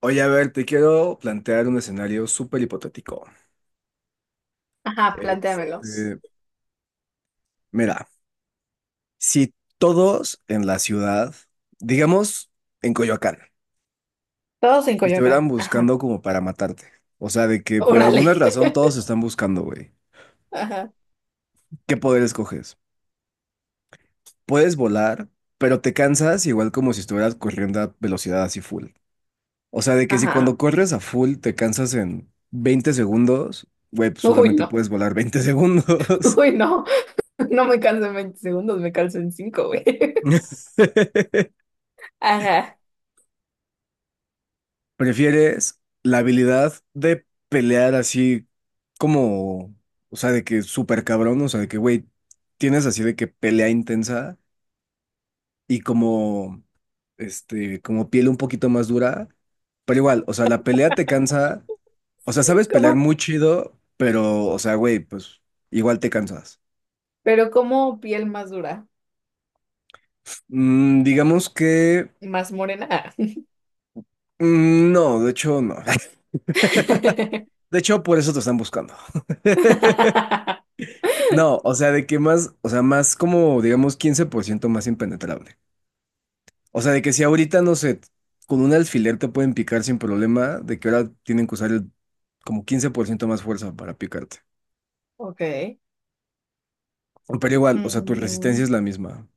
Oye, a ver, te quiero plantear un escenario súper hipotético. Ajá, plantéamelos. Este, Mira, si todos en la ciudad, digamos en Coyoacán, Todos en te estuvieran Coyoacán. Ajá, buscando como para matarte, o sea, de que por órale. alguna razón todos te están buscando, güey, Ajá, ¿qué poder escoges? Puedes volar, pero te cansas igual como si estuvieras corriendo a velocidad así full. O sea, de que si ajá. cuando corres a full te cansas en 20 segundos, güey, pues Uy, solamente no. puedes volar 20 segundos. Uy, no. No me canso en 20 segundos, me canso en 5, güey. Ajá. ¿Prefieres la habilidad de pelear así como, o sea, de que súper cabrón, o sea, de que, güey, tienes así de que pelea intensa y como, como piel un poquito más dura, pero igual, o sea, la pelea te cansa, o sea, sabes pelear ¿Cómo? muy chido, pero, o sea, güey, pues igual te cansas. Pero ¿cómo piel más dura? Digamos que, Más morena. Ah. No, de hecho, no. De hecho, por eso te están buscando. No, o sea, de que más, o sea, más como, digamos, 15% más impenetrable. O sea, de que si ahorita, no sé, con un alfiler te pueden picar sin problema, de que ahora tienen que usar el, como 15% más fuerza para picarte. Ok. Pero igual, o sea, tu resistencia Mm, es la misma.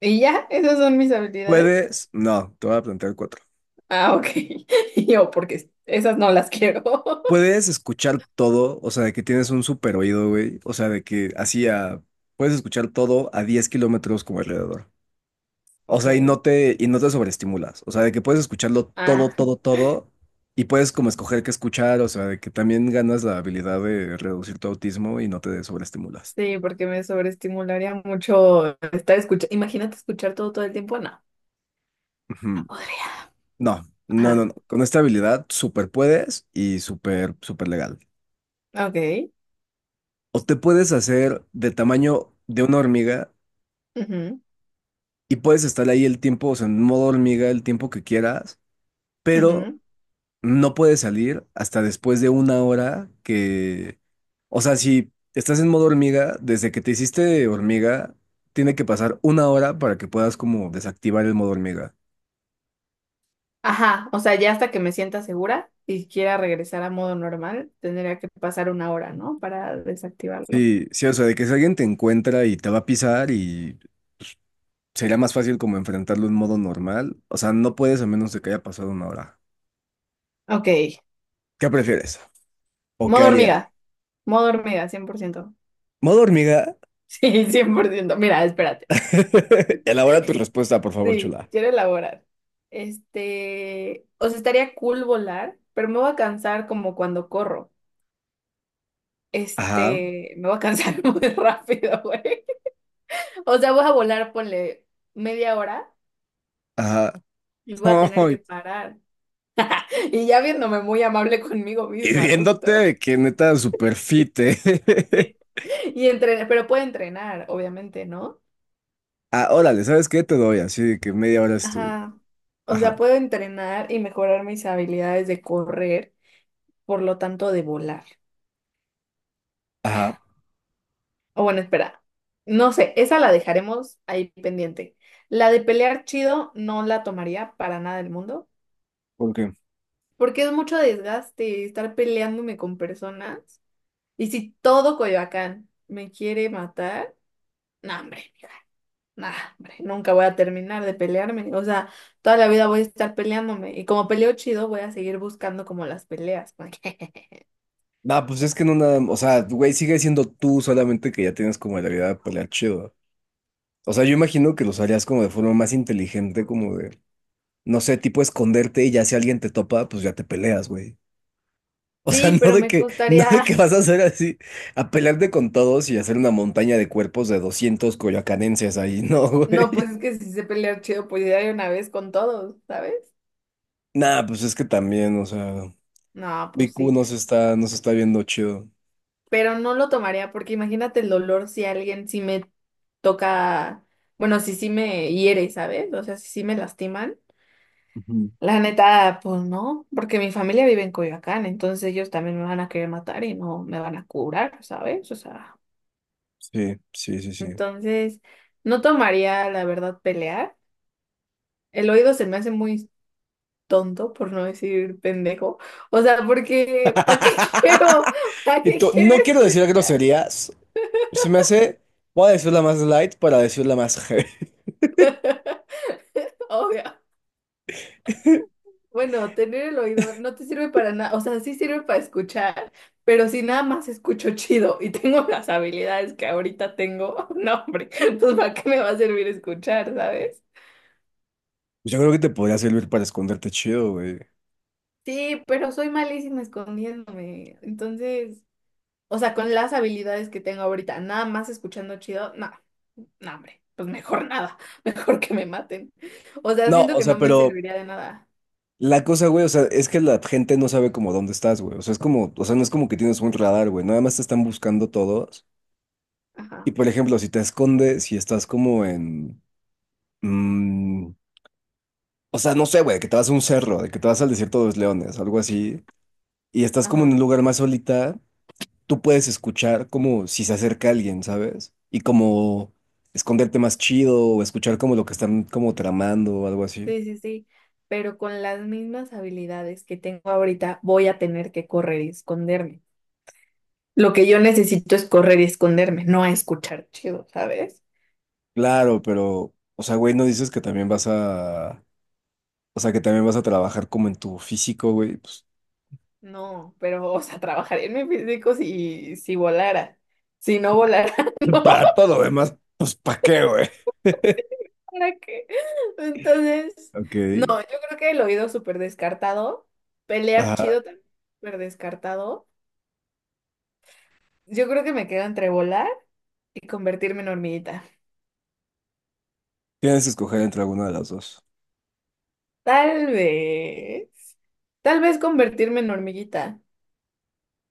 ¿y ya? ¿Esas son mis habilidades? No, te voy a plantear cuatro. Ah, ok. Yo, porque esas no las quiero. Puedes escuchar todo, o sea, de que tienes un super oído, güey. O sea, de que puedes escuchar todo a 10 kilómetros como alrededor. O sea, y no Ok. te, y no te sobreestimulas. O sea, de que puedes escucharlo todo, Ah. todo, todo, y puedes como escoger qué escuchar, o sea, de que también ganas la habilidad de reducir tu autismo y no te sobreestimulas. Sí, porque me sobreestimularía mucho estar escuchando. Imagínate escuchar todo todo el tiempo, no, no Ujú. podría. No, no, no, Ajá, no. Con esta habilidad súper puedes y súper, súper legal. ok. O te puedes hacer de tamaño de una hormiga Ujú, y puedes estar ahí el tiempo, o sea, en modo hormiga el tiempo que quieras, pero ujú. no puedes salir hasta después de una hora que, o sea, si estás en modo hormiga, desde que te hiciste hormiga, tiene que pasar una hora para que puedas como desactivar el modo hormiga. Ajá, o sea, ya hasta que me sienta segura y quiera regresar a modo normal, tendría que pasar una hora, ¿no? Para desactivarlo. Sí, sí, o sea, de que si alguien te encuentra y te va a pisar y sería más fácil como enfrentarlo en modo normal, o sea, no puedes a menos de que haya pasado una hora. Ok, ¿Qué prefieres? ¿O qué modo harías? hormiga, modo hormiga, 100%. ¿Modo hormiga? Sí, 100%. Mira, espérate. Elabora tu respuesta, por favor, Sí, chula. quiero elaborar. Este, o sea, estaría cool volar, pero me voy a cansar como cuando corro. Ajá, Este, me voy a cansar muy rápido, güey. O sea, voy a volar, ponle media hora ajá. y voy a tener que Ay, parar. Y ya viéndome muy amable conmigo y misma, viéndote de justo. que neta super fit, ¿eh? Y entrenar, pero puedo entrenar, obviamente, ¿no? Ah, órale, ¿sabes qué? Te doy así de que media hora es tu. Ajá. O sea, Ajá. puedo entrenar y mejorar mis habilidades de correr, por lo tanto, de volar. Ajá. O bueno, espera. No sé, esa la dejaremos ahí pendiente. La de pelear chido no la tomaría para nada del mundo. ¿Por qué? Porque es mucho desgaste estar peleándome con personas. Y si todo Coyoacán me quiere matar, no, hombre, no, hombre, nunca voy a terminar de pelearme. O sea, toda la vida voy a estar peleándome. Y como peleo chido, voy a seguir buscando como las peleas. Porque, Nah, pues es que no nada. O sea, güey, sigue siendo tú, solamente que ya tienes como la habilidad de pelear chido. O sea, yo imagino que lo harías como de forma más inteligente, como de, no sé, tipo esconderte y ya si alguien te topa, pues ya te peleas, güey. O sea, sí, no pero de me que, no de gustaría. que vas a hacer así, a pelearte con todos y hacer una montaña de cuerpos de 200 coyoacanenses ahí, no, No, pues güey. es que si sé pelear chido, pues ya de una vez con todos, ¿sabes? Nah, pues es que también, o sea, No, pues BQ sí. no se está viendo chido. Pero no lo tomaría porque imagínate el dolor si alguien sí me toca, bueno, si sí me hiere, ¿sabes? O sea, si sí me lastiman. Ujú. La neta, pues no, porque mi familia vive en Coyoacán, entonces ellos también me van a querer matar y no me van a curar, ¿sabes? O sea, Sí, sí, sí, sí. entonces no tomaría, la verdad, pelear. El oído se me hace muy tonto, por no decir pendejo. O sea, porque ¿para qué quiero? ¿Para Y qué tú quiero no quiero decir escuchar? groserías. Se me hace. Voy a decir la más light para decir la más heavy. Obvio. Bueno, tener el oído no te sirve para nada, o sea, sí sirve para escuchar, pero si nada más escucho chido y tengo las habilidades que ahorita tengo, no, hombre, pues ¿para qué me va a servir escuchar, sabes? Yo creo que te podría servir para esconderte chido, güey. Sí, pero soy malísima escondiéndome, entonces, o sea, con las habilidades que tengo ahorita, nada más escuchando chido, no, no, hombre, pues mejor nada, mejor que me maten. O sea, No, siento o que no sea, me pero serviría de nada. la cosa, güey, o sea, es que la gente no sabe como dónde estás, güey. O sea, es como, o sea, no es como que tienes un radar, güey. Nada más te están buscando todos. Y Ajá, por ejemplo, si te escondes, si estás como en. Mm, o sea, no sé, güey, que te vas a un cerro, de que te vas al desierto de los leones, algo así, y estás como en ajá. un lugar más solita, tú puedes escuchar como si se acerca alguien, ¿sabes? Y como esconderte más chido o escuchar como lo que están como tramando o algo así. Sí, sí, sí, pero con las mismas habilidades que tengo ahorita voy a tener que correr y esconderme. Lo que yo necesito es correr y esconderme, no a escuchar chido, ¿sabes? Claro, pero, o sea, güey, no dices que también vas a, o sea, que también vas a trabajar como en tu físico, güey, pues, No, pero, o sea, trabajaría en mi físico si volara. Si no volara, no, para todo, lo demás, pues, ¿para qué, güey? ¿para qué? Entonces, Ok. yo creo que el oído súper descartado, pelear Ajá. chido también súper descartado. Yo creo que me quedo entre volar y convertirme en hormiguita. Tienes que escoger entre alguna de las dos. Tal vez. Tal vez convertirme en hormiguita.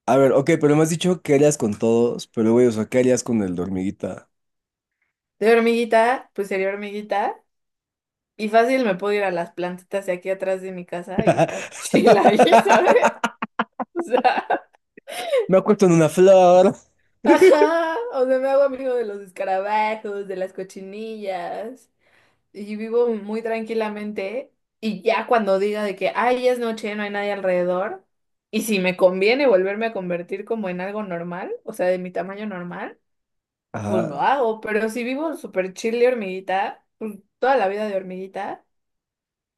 A ver, ok, pero me has dicho que harías con todos, pero güey, o sea, ¿qué harías con el de hormiguita? De hormiguita, pues sería hormiguita. Y fácil me puedo ir a las plantitas de aquí atrás de mi casa y estar chila ahí, ¿sabes? O sea, Me acuesto en una flor. ajá. O sea, me hago amigo de los escarabajos, de las cochinillas. Y vivo muy tranquilamente. Y ya cuando diga de que, ay, ya es noche, no hay nadie alrededor. Y si me conviene volverme a convertir como en algo normal, o sea, de mi tamaño normal. Pues lo Ajá. hago, pero si vivo súper chill de hormiguita, pues toda la vida de hormiguita,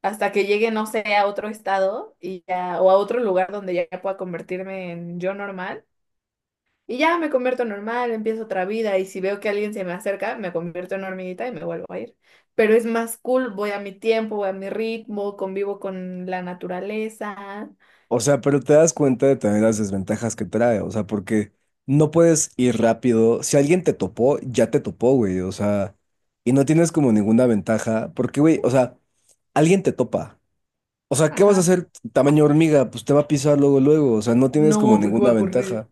hasta que llegue, no sé, a otro estado y ya, o a otro lugar donde ya pueda convertirme en yo normal, y ya me convierto en normal, empiezo otra vida, y si veo que alguien se me acerca, me convierto en hormiguita y me vuelvo a ir. Pero es más cool, voy a mi tiempo, voy a mi ritmo, convivo con la naturaleza. O sea, pero te das cuenta de también las desventajas que trae, o sea, porque no puedes ir rápido. Si alguien te topó, ya te topó, güey, o sea, y no tienes como ninguna ventaja, porque, güey, o sea, alguien te topa. O sea, ¿qué vas a Ajá. hacer tamaño hormiga? Pues te va a pisar luego, luego, o sea, no tienes como No, porque ninguna voy a correr. ventaja.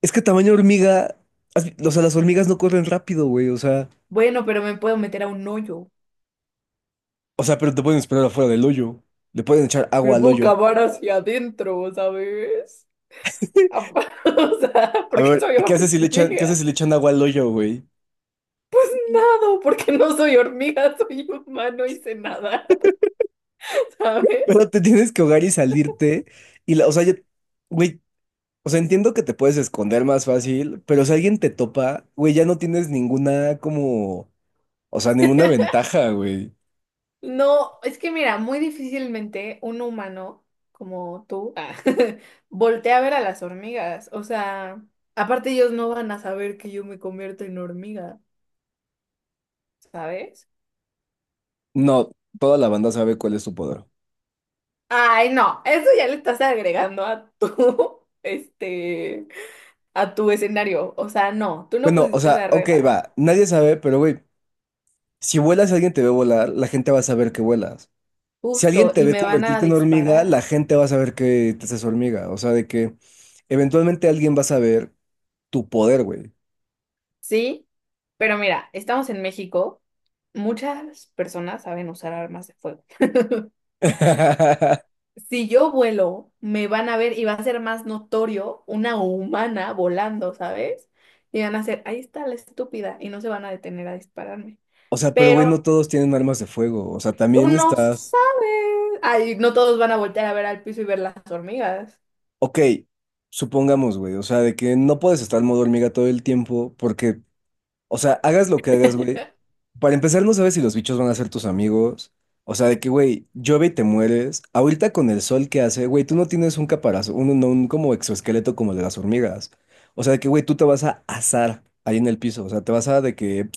Es que tamaño hormiga, o sea, las hormigas no corren rápido, güey, o sea, Bueno, pero me puedo meter a un hoyo. o sea, pero te pueden esperar afuera del hoyo. Le pueden echar agua Pero al puedo hoyo. cavar hacia adentro, ¿sabes? O sea, A porque ver, soy ¿qué haces si le echan, qué haces hormiga. si le echan agua al hoyo, güey? Nado, porque no soy hormiga, soy humano y sé nadar, ¿sabes? Pero te tienes que ahogar y salirte. Y la, o sea, ya- Güey, o sea, entiendo que te puedes esconder más fácil, pero si alguien te topa, güey, ya no tienes ninguna como, o sea, ninguna ventaja, güey. No, es que mira, muy difícilmente un humano como tú ah, voltea a ver a las hormigas. O sea, aparte ellos no van a saber que yo me convierto en hormiga, ¿sabes? No, toda la banda sabe cuál es su poder. Ay, no, eso ya le estás agregando a tu, este, a tu escenario. O sea, no, tú no Bueno, o pusiste sea, esa ok, regla. va, nadie sabe, pero güey. Si vuelas, alguien te ve volar, la gente va a saber que vuelas. Si alguien Justo, te y ve me van a convertirte en hormiga, la disparar. gente va a saber que te haces hormiga. O sea, de que eventualmente alguien va a saber tu poder, güey. Sí, pero mira, estamos en México. Muchas personas saben usar armas de fuego. Si yo vuelo, me van a ver y va a ser más notorio una humana volando, ¿sabes? Y van a hacer, ahí está la estúpida, y no se van a detener a dispararme. O sea, pero güey, no Pero todos tienen armas de fuego. O sea, tú también no estás. sabes. Ay, no todos van a voltear a ver al piso y ver las hormigas. Ok, supongamos, güey. O sea, de que no puedes estar en modo hormiga todo el tiempo porque o sea, hagas lo que hagas, güey. Para empezar, no sabes si los bichos van a ser tus amigos. O sea, de que, güey, llueve y te mueres. Ahorita con el sol que hace, güey, tú no tienes un caparazón, un, no, un como exoesqueleto como el de las hormigas. O sea, de que, güey, tú te vas a asar ahí en el piso. O sea, te vas a de que.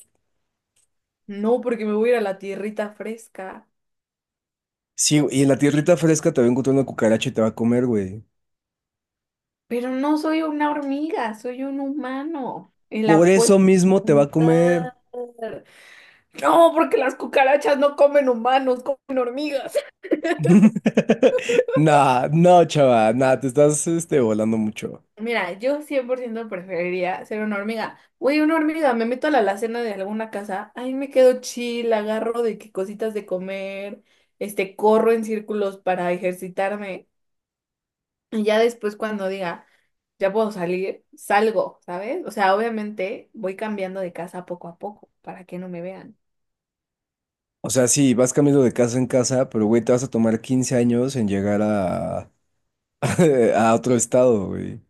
No, porque me voy a ir a la tierrita fresca. Sí, y en la tierrita fresca te va a encontrar una cucaracha y te va a comer, güey. Pero no soy una hormiga, soy un humano y Por la puedo eso mismo te va a comer. cantar. No, porque las cucarachas no comen humanos, comen hormigas. Nah, no, chava, nah, te estás volando mucho. Mira, yo 100% preferiría ser una hormiga. Güey, una hormiga, me meto a la alacena de alguna casa, ahí me quedo chill, agarro de que cositas de comer, este, corro en círculos para ejercitarme y ya después cuando diga, ya puedo salir, salgo, ¿sabes? O sea, obviamente voy cambiando de casa poco a poco para que no me vean. O sea, sí, vas cambiando de casa en casa, pero güey, te vas a tomar 15 años en llegar a, a otro estado, güey.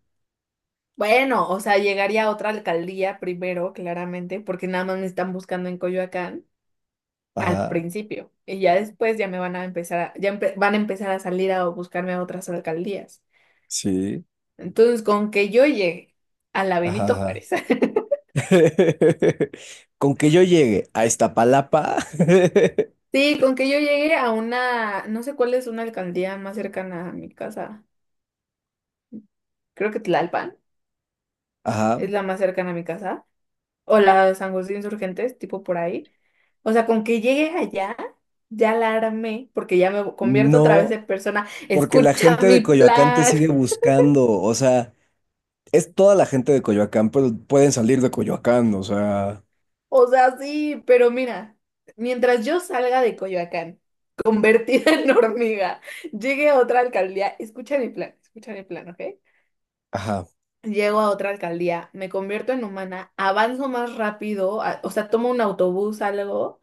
Bueno, o sea, llegaría a otra alcaldía primero, claramente, porque nada más me están buscando en Coyoacán al Ajá, principio. Y ya después ya me van a empezar a, van a empezar a salir a buscarme a otras alcaldías. sí, Entonces, con que yo llegue a la ajá, Benito ajá. Juárez. Con que yo llegue a Iztapalapa, Sí, con que yo llegue a una, no sé cuál es una alcaldía más cercana a mi casa. Creo que Tlalpan ajá, es la más cercana a mi casa. O la San José de Insurgentes, tipo por ahí. O sea, con que llegue allá, ya la armé, porque ya me convierto otra vez no, en persona, porque la escucha gente de mi Coyoacán te plan. sigue buscando, o sea, es toda la gente de Coyoacán, pero pueden salir de Coyoacán, o sea, O sea, sí, pero mira, mientras yo salga de Coyoacán, convertida en hormiga, llegue a otra alcaldía, escucha mi plan, ¿ok? ajá. Llego a otra alcaldía, me convierto en humana, avanzo más rápido, o sea, tomo un autobús, algo,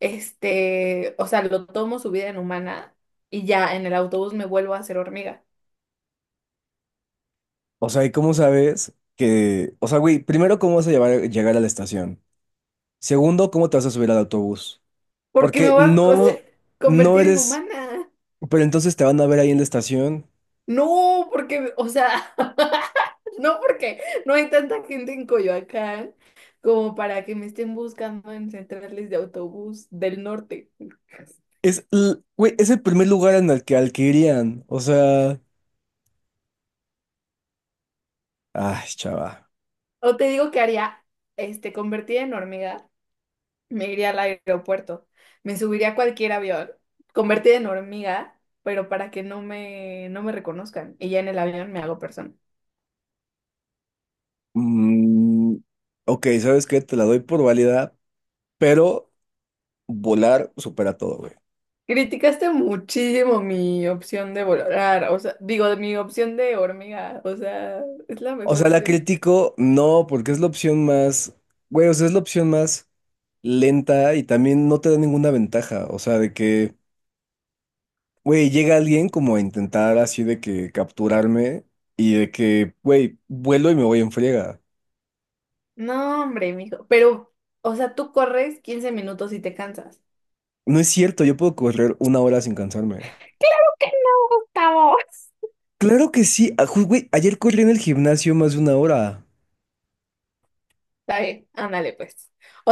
este, o sea, lo tomo subida en humana y ya en el autobús me vuelvo a hacer hormiga. O sea, ¿y cómo sabes que, o sea, güey, primero, ¿cómo vas a llegar a la estación? Segundo, ¿cómo te vas a subir al autobús? ¿Porque me Porque voy a no, no convertir en eres, humana? pero entonces te van a ver ahí en la estación. No, porque, o sea, no porque no hay tanta gente en Coyoacán como para que me estén buscando en centrales de autobús del norte. Güey, es el primer lugar en el que al que irían. O sea, ay, chava. O te digo que haría, este, convertida en hormiga. Me iría al aeropuerto. Me subiría a cualquier avión, convertida en hormiga, pero para que no me reconozcan. Y ya en el avión me hago persona. Mm, ok, ¿sabes qué? Te la doy por válida, pero volar supera todo, güey. Criticaste muchísimo mi opción de volar, o sea, digo, mi opción de hormiga, o sea, es la O mejor sea, la opción. critico, no, porque es la opción más, güey, o sea, es la opción más lenta y también no te da ninguna ventaja. O sea, de que. Güey, llega alguien como a intentar así de que capturarme y de que, güey, vuelo y me voy en friega. No, hombre, mijo, pero, o sea, tú corres 15 minutos y te cansas. No es cierto, yo puedo correr una hora sin cansarme. ¿Por qué no, Gustavo? Claro que sí, güey, ayer corrí en el gimnasio más de una hora. Está bien, ándale, pues. O